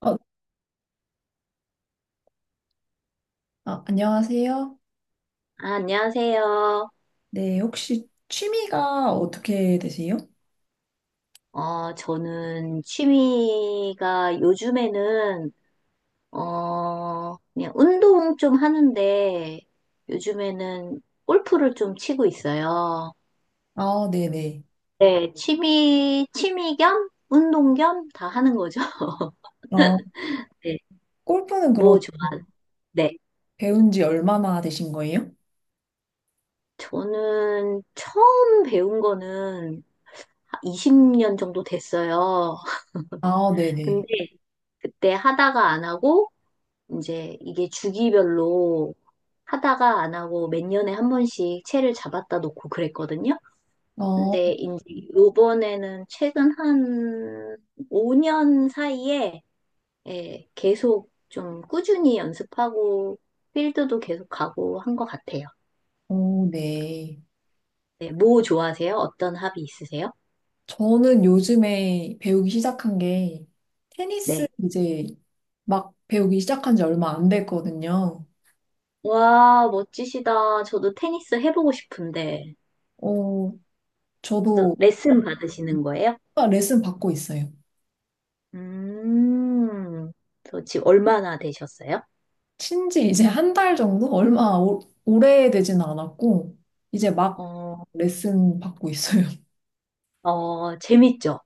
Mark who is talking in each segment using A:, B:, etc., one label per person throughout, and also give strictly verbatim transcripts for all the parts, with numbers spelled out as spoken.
A: 어, 아, 안녕하세요.
B: 아, 안녕하세요.
A: 네, 혹시 취미가 어떻게 되세요?
B: 어, 저는 취미가 요즘에는, 어, 그냥 운동 좀 하는데, 요즘에는 골프를 좀 치고 있어요.
A: 아, 네네.
B: 네, 취미, 취미 겸, 운동 겸 다 하는 거죠.
A: 아,
B: 네,
A: 골프는 그럼
B: 뭐 좋아. 네.
A: 배운 지 얼마나 되신 거예요?
B: 저는 처음 배운 거는 이십 년 정도 됐어요.
A: 아, 네네.
B: 근데 그때 하다가 안 하고, 이제 이게 주기별로 하다가 안 하고 몇 년에 한 번씩 채를 잡았다 놓고 그랬거든요.
A: 어,
B: 근데 이제 요번에는 최근 한 오 년 사이에 예, 계속 좀 꾸준히 연습하고 필드도 계속 가고 한 것 같아요.
A: 어, 네.
B: 네, 뭐 좋아하세요? 어떤 합이 있으세요?
A: 저는 요즘에 배우기 시작한 게 테니스
B: 네.
A: 이제 막 배우기 시작한 지 얼마 안 됐거든요.
B: 와, 멋지시다. 저도 테니스 해보고 싶은데.
A: 어,
B: 저
A: 저도
B: 레슨 받으시는 거예요?
A: 레슨 받고 있어요.
B: 음, 저 지금 얼마나 되셨어요?
A: 친지 이제 한 달 정도? 얼마 오, 오래되진 않았고, 이제 막
B: 어,
A: 레슨 받고 있어요.
B: 어, 재밌죠?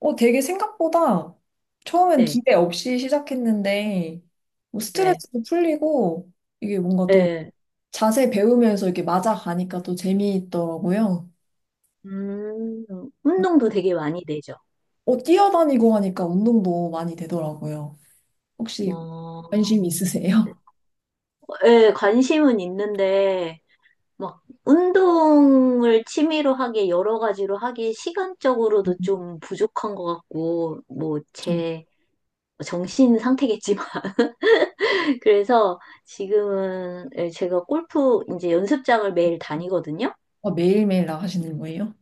A: 어, 되게 생각보다 처음엔
B: 네,
A: 기대 없이 시작했는데, 뭐
B: 네,
A: 스트레스도 풀리고, 이게 뭔가 또
B: 네.
A: 자세 배우면서 이렇게 맞아가니까 또 재미있더라고요.
B: 음, 운동도 되게 많이 되죠.
A: 어, 뛰어다니고 하니까 운동도 많이 되더라고요. 혹시 관심
B: 어,
A: 있으세요?
B: 예, 관심은 있는데, 막, 운동을 취미로 하게, 여러 가지로 하기 시간적으로도 좀 부족한 것 같고, 뭐,
A: 저
B: 제 정신 상태겠지만. 그래서 지금은 예, 제가 골프 이제 연습장을 매일 다니거든요.
A: 어, 매일매일 나가시는 거예요?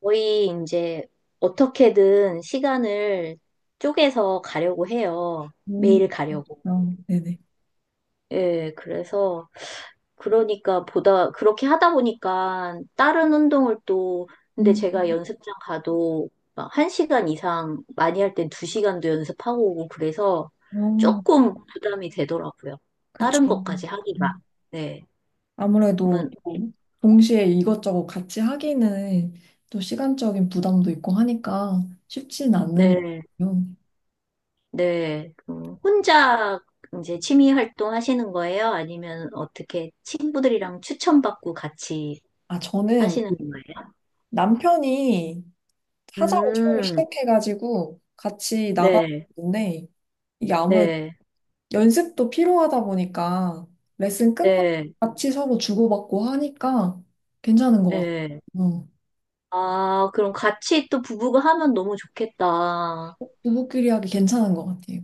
B: 거의 이제 어떻게든 시간을 쪼개서 가려고 해요.
A: 음,
B: 매일 가려고.
A: 어, 네네.
B: 예, 그래서 그러니까 보다 그렇게 하다 보니까 다른 운동을 또 근데
A: 음,
B: 제가
A: 음,
B: 연습장 가도 막시간 이상 많이 할 땐 두 시간도 연습하고 오고 그래서
A: 어.
B: 조금 부담이 되더라고요.
A: 그쵸.
B: 다른 것까지 하기가.
A: 음.
B: 네.
A: 아무래도
B: 그러면
A: 또 동시에 이것저것 같이 하기는 또 시간적인 부담도 있고 하니까 쉽진 않는
B: 네.
A: 거예요.
B: 네, 음, 혼자 이제 취미 활동 하시는 거예요? 아니면 어떻게 친구들이랑 추천받고 같이
A: 아, 저는
B: 하시는
A: 그
B: 거예요?
A: 남편이 하자고 처음에
B: 음,
A: 시작해가지고 같이
B: 네,
A: 나가봤는데 이게 아무래도
B: 네,
A: 연습도 필요하다 보니까 레슨 끝나고
B: 네,
A: 같이 서로 주고받고 하니까 괜찮은 것 같아요.
B: 네.
A: 어,
B: 아, 그럼 같이 또 부부가 하면 너무 좋겠다.
A: 부부끼리 하기 괜찮은 것 같아요.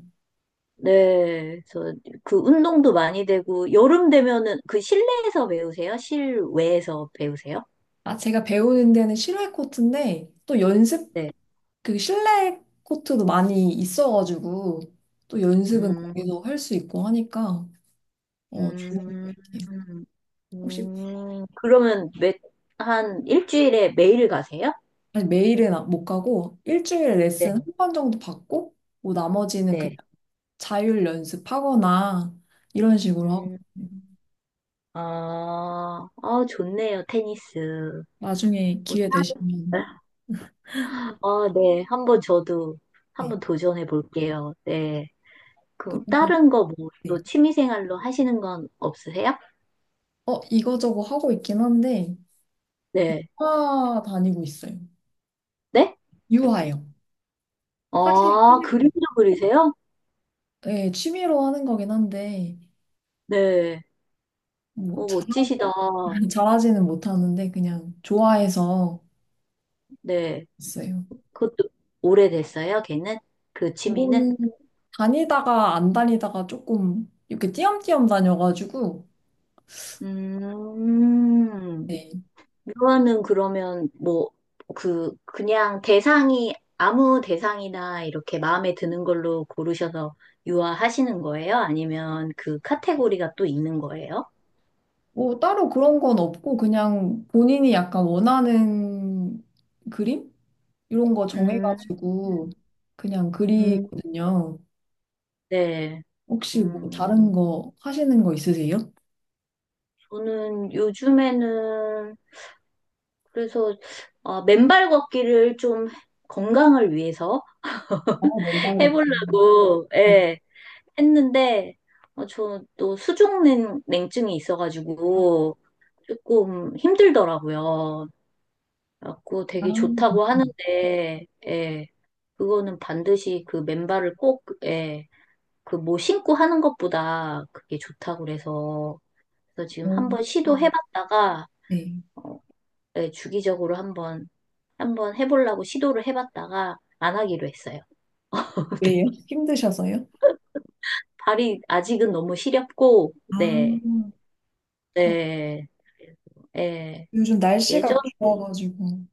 B: 네, 그래서 그 운동도 많이 되고, 여름 되면은 그 실내에서 배우세요? 실외에서 배우세요?
A: 아, 제가 배우는 데는 실외 코트인데 또 연습
B: 네.
A: 그 실내 코트도 많이 있어가지고 또 연습은
B: 음,
A: 거기서 할 수 있고 하니까 어 좋은 것
B: 음,
A: 같아요. 혹시
B: 음, 그러면 매, 한 일주일에 매일 가세요?
A: 아니, 매일은 안- 못 가고 일주일에 레슨
B: 네,
A: 한 번 정도 받고 뭐 나머지는 그냥
B: 네.
A: 자율 연습하거나 이런 식으로 하고
B: 음, 아, 아, 좋네요, 테니스.
A: 나중에
B: 뭐,
A: 기회
B: 따-
A: 되시면
B: 아, 네. 한번 저도
A: 네.
B: 한번 도전해 볼게요. 네. 그럼
A: 그러면
B: 다른 거 뭐 또 취미 생활로 하시는 건 없으세요?
A: 네어 이거저거 하고 있긴 한데
B: 네.
A: 화 다니고 있어요.
B: 네?
A: 유화요. 화실,
B: 아, 그림도 그리세요?
A: 예, 취미로 하는 거긴 한데.
B: 네.
A: 뭐
B: 오, 멋지시다.
A: 잘하고 잘하지는 못하는데 그냥 좋아해서
B: 네.
A: 했어요.
B: 그것도 오래됐어요, 걔는? 그 취미는?
A: 이거는 다니다가 안 다니다가 조금 이렇게 띄엄띄엄 다녀가지고
B: 음,
A: 네.
B: 유아는 그러면 뭐, 그, 그냥 대상이, 아무 대상이나 이렇게 마음에 드는 걸로 고르셔서 유아 하시는 거예요? 아니면 그 카테고리가 또 있는 거예요?
A: 뭐 따로 그런 건 없고 그냥 본인이 약간 원하는 그림 이런 거
B: 음,
A: 정해가지고 그냥
B: 음,
A: 그리거든요.
B: 네.
A: 혹시 뭐
B: 음,
A: 다른 거 하시는 거 있으세요?
B: 저는 요즘에는, 그래서, 어, 맨발 걷기를 좀 건강을 위해서
A: 아, 맨발 같은.
B: 해보려고,
A: 네.
B: 예. 했는데 어, 저또 수족냉 냉증이 있어가지고 조금 힘들더라고요. 그래갖고
A: 아,
B: 되게 좋다고 하는데 예, 그거는 반드시 그 맨발을 꼭 예, 그뭐 신고 하는 것보다 그게 좋다고 그래서 그래서 지금
A: 음.
B: 한번 시도해봤다가
A: 네.
B: 어, 예, 주기적으로 한번 한번 해보려고 시도를 해봤다가 안 하기로 했어요.
A: 왜요?
B: 네.
A: 힘드셔서요?
B: 발이 아직은 너무 시렵고
A: 아,
B: 네.
A: 그렇
B: 네. 예,
A: 요즘
B: 예전에,
A: 날씨가 좋아가지고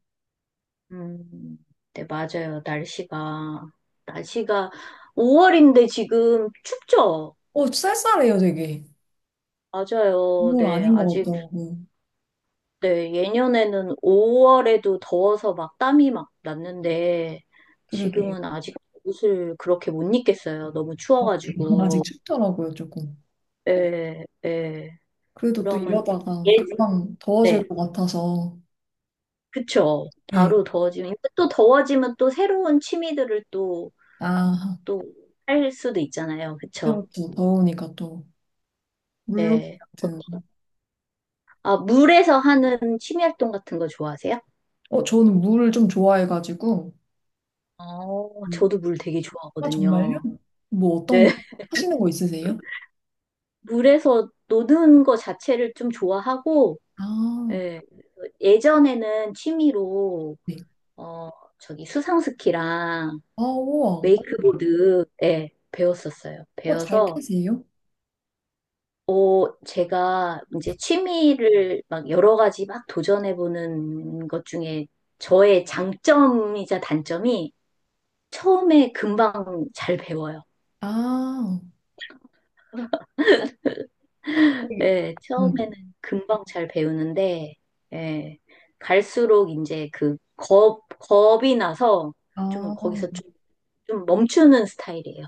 B: 음, 네, 맞아요. 날씨가, 날씨가 오월인데 지금 춥죠?
A: 어, 쌀쌀해요, 되게.
B: 맞아요.
A: 건물
B: 네,
A: 아닌 것
B: 아직,
A: 같더라고요.
B: 네, 예년에는 오월에도 더워서 막 땀이 막 났는데
A: 그러게.
B: 지금은 아직 옷을 그렇게 못 입겠어요. 너무
A: 아, 아직
B: 추워가지고.
A: 춥더라고요, 조금.
B: 예, 예.
A: 그래도 또
B: 그러면,
A: 이러다가
B: 예,
A: 금방
B: 네,
A: 더워질 것 같아서.
B: 그쵸.
A: 네.
B: 바로 더워지면, 또 더워지면 또 새로운 취미들을 또
A: 아,
B: 또 할 수도 있잖아요. 그쵸?
A: 때로 또 더우니까 또 물놀이
B: 네. 어,
A: 같은.
B: 아, 물에서 하는 취미 활동 같은 거 좋아하세요?
A: 어, 저는 물을 좀 좋아해가지고.
B: 어,
A: 음.
B: 저도 물 되게
A: 아, 정말요?
B: 좋아하거든요.
A: 뭐 어떤
B: 네.
A: 거 하시는 거 있으세요?
B: 물에서 노는 거 자체를 좀 좋아하고,
A: 아,
B: 예, 예전에는 취미로,
A: 네.
B: 어, 저기 수상스키랑
A: 아, 우와.
B: 웨이크보드, 예, 배웠었어요.
A: 어, 잘
B: 배워서
A: 타세요?
B: 어, 제가 이제 취미를 막 여러 가지 막 도전해보는 것 중에 저의 장점이자 단점이 처음에 금방 잘 배워요.
A: 아, 되게-
B: 예,
A: 음.
B: 처음에는 금방 잘 배우는데, 예, 갈수록 이제 그 겁, 겁이 나서 좀
A: 아.
B: 거기서 좀, 좀 멈추는 스타일이에요.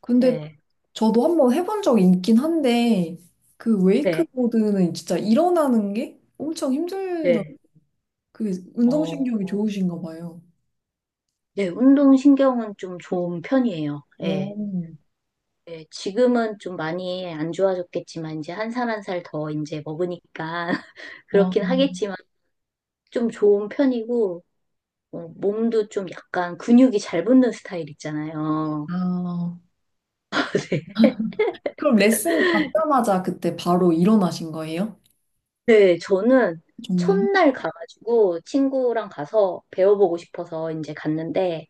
A: 근데
B: 예,
A: 저도 한번 해본 적이 있긴 한데, 그
B: 네,
A: 웨이크보드는 진짜 일어나는 게 엄청 힘들다.
B: 네.
A: 그게
B: 어,
A: 운동신경이
B: 어,
A: 좋으신가 봐요.
B: 네, 운동신경은 좀 좋은 편이에요. 예.
A: 오,
B: 네, 지금은 좀 많이 안 좋아졌겠지만, 이제 한 살 한 살 더 이제 먹으니까,
A: 아,
B: 그렇긴 하겠지만, 좀 좋은 편이고, 어, 몸도 좀 약간 근육이 잘 붙는 스타일 있잖아요.
A: 아. 그럼 레슨 받자마자 그때 바로 일어나신 거예요?
B: 네, 네, 저는
A: 정말?
B: 첫날 가가지고 친구랑 가서 배워보고 싶어서 이제 갔는데,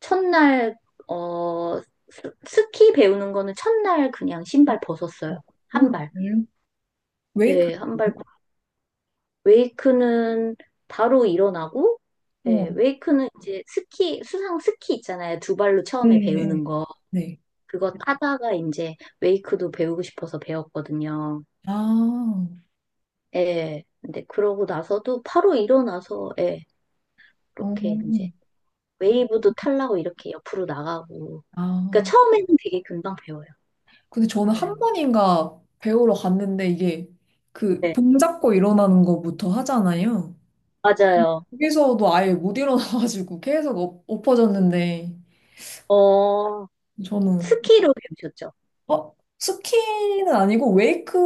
B: 첫날, 어, 스- 스키 배우는 거는 첫날 그냥 신발 벗었어요.
A: 오,
B: 한 발.
A: 정말요?
B: 네, 한발
A: 웨이크보드요?
B: 웨이크는 바로 일어나고, 예,
A: 어,
B: 웨이크는 이제 스키, 수상 스키 있잖아요. 두 발로
A: 네,
B: 처음에
A: 네.
B: 배우는 거.
A: 네.
B: 그거 타다가 이제 웨이크도 배우고 싶어서 배웠거든요.
A: 아,
B: 예. 근데 그러고 나서도 바로 일어나서, 예,
A: 어,
B: 이렇게 이제 웨이브도 타려고 이렇게 옆으로 나가고. 그러니까
A: 아.
B: 처음에는 되게 금방 배워요.
A: 근데 저는
B: 네.
A: 한 번인가 배우러 갔는데 이게 그
B: 네,
A: 봉 잡고 일어나는 거부터 하잖아요.
B: 맞아요.
A: 거기서도 아예 못 일어나가지고 계속 엎- 엎어졌는데
B: 어,
A: 저는
B: 스키로 배우셨죠?
A: 어? 스키는 아니고 웨이크.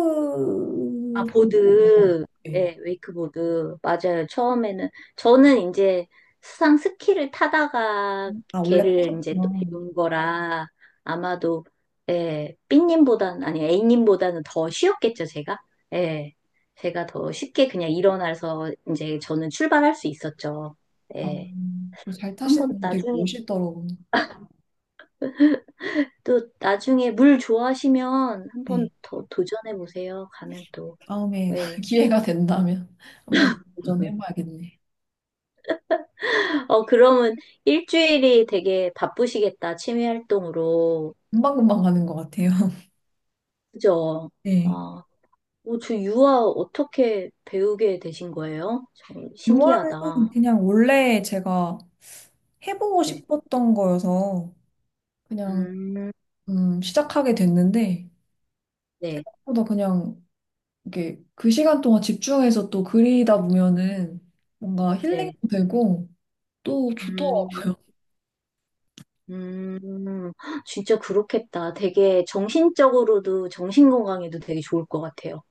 B: 아, 보드.
A: 네.
B: 예, 웨이크보드. 맞아요. 처음에는. 저는 이제 수상 스키를 타다가
A: 아, 원래
B: 걔를 이제 또
A: 타셨구나.
B: 배운 거라 아마도, 예, 삐님보다는, 아니, A님보다는 더 쉬웠겠죠, 제가? 예, 제가 더 쉽게 그냥 일어나서 이제 저는 출발할 수 있었죠.
A: 아,
B: 예,
A: 그걸 잘 타시는
B: 한번
A: 분 되게
B: 나중에,
A: 멋있더라고요.
B: 또 나중에 물 좋아하시면 한번
A: 네.
B: 더 도전해 보세요. 가면 또,
A: 다음에
B: 예.
A: 기회가 된다면 한번 도전해봐야겠네.
B: 어, 그러면 일주일이 되게 바쁘시겠다, 취미 활동으로.
A: 금방금방 가는 것 같아요.
B: 그죠?
A: 네.
B: 아, 어, 저 유아 어떻게 배우게 되신 거예요? 참
A: 요한은
B: 신기하다.
A: 그냥 원래 제가 해보고
B: 네.
A: 싶었던 거여서 그냥
B: 음,
A: 음, 시작하게 됐는데
B: 네,
A: 생각보다 그냥 이게 그 시간 동안 집중해서 또 그리다 보면은 뭔가
B: 네.
A: 힐링도 되고 또
B: 음,
A: 좋더라고요.
B: 음, 진짜 그렇겠다. 되게 정신적으로도, 정신 건강에도 되게 좋을 것 같아요.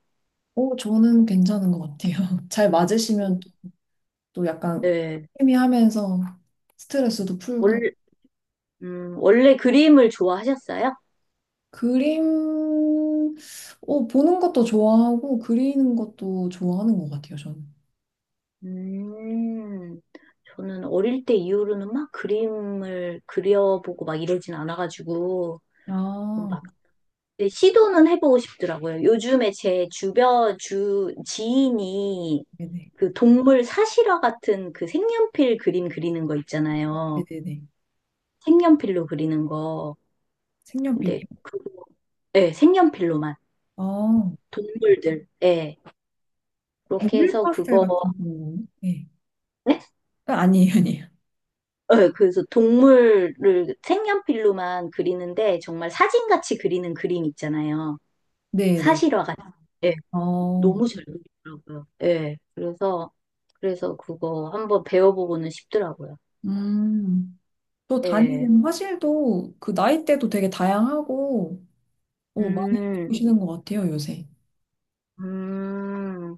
A: 어, 저는 괜찮은 것 같아요. 잘 맞으시면 또또 약간
B: 네.
A: 취미하면서 스트레스도 풀고
B: 원래, 음, 원래 그림을 좋아하셨어요?
A: 그림 어, 보는 것도 좋아하고 그리는 것도 좋아하는 것 같아요, 저는.
B: 음, 저는 어릴 때 이후로는 막 그림을 그려보고 막 이러진 않아가지고,
A: 아.
B: 막, 근데 시도는 해보고 싶더라고요. 요즘에 제 주변, 주, 지인이
A: 네네.
B: 그 동물 사실화 같은 그 색연필 그림 그리는 거 있잖아요.
A: 네네네.
B: 색연필로 그리는 거. 근데
A: 색연필이요?
B: 그거, 예, 색연필로만.
A: 아,
B: 동물들, 예. 그렇게
A: 노을
B: 해서
A: 파스텔
B: 그거
A: 같은 경우 네.
B: 네?
A: 아, 아니에요, 아니에요.
B: 어, 그래서 동물을 색연필로만 그리는데 정말 사진같이 그리는 그림 있잖아요.
A: 네네.
B: 사실화 같 예,
A: 어,
B: 너무 잘 그리더라고요. 예, 그래서, 그래서 그거 한번 배워보고는 싶더라고요.
A: 음. 또
B: 예,
A: 다니는 화실도 그 나이대도 되게 다양하고, 오, 많이
B: 음,
A: 배우시는 것 같아요, 요새.
B: 음,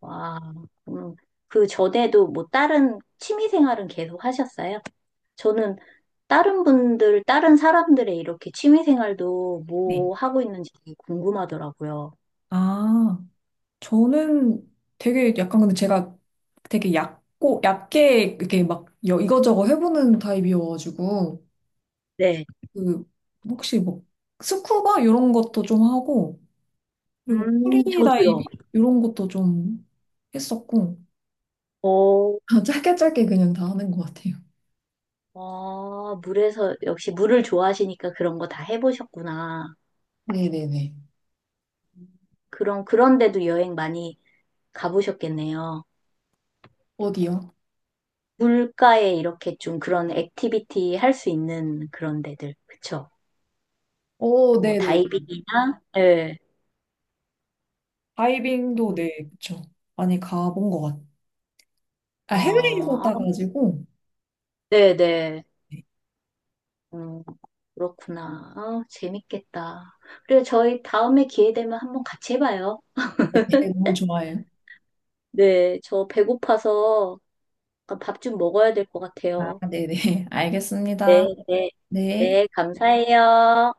B: 와, 음, 그 전에도 뭐 다른 취미 생활은 계속 하셨어요? 저는 다른 분들, 다른 사람들의 이렇게 취미 생활도
A: 네.
B: 뭐 하고 있는지 되게 궁금하더라고요.
A: 아, 저는 되게 약간 근데 제가 되게 얕고, 얕게 이렇게 막 여- 이거저거 해보는 타입이어가지고,
B: 네.
A: 그, 혹시 뭐, 스쿠버? 이런 것도 좀 하고, 그리고
B: 음, 저도요.
A: 프리다이빙? 이런 것도 좀 했었고,
B: 어,
A: 짧게 짧게 그냥 다 하는 것 같아요.
B: 아, 물에서, 역시 물을 좋아하시니까 그런 거 다 해보셨구나.
A: 네네네.
B: 그럼, 그런데도 여행 많이 가보셨겠네요.
A: 어디요?
B: 물가에 이렇게 좀 그런 액티비티 할 수 있는 그런 데들. 그쵸?
A: 오,
B: 뭐,
A: 네네네.
B: 다이빙이나, 예.
A: 다이빙도
B: 음,
A: 네, 그쵸. 많이 가본 것 같아요. 아, 해외에서
B: 아,
A: 따가지고,
B: 네네.
A: 네.
B: 음, 그렇구나. 아, 재밌겠다. 그리고 저희 다음에 기회 되면 한번 같이 해봐요.
A: 네, 너무 좋아해요.
B: 네, 저 배고파서 그러니까 밥좀 먹어야 될 것
A: 아,
B: 같아요.
A: 네네. 알겠습니다.
B: 네, 네,
A: 네.
B: 네, 감사해요.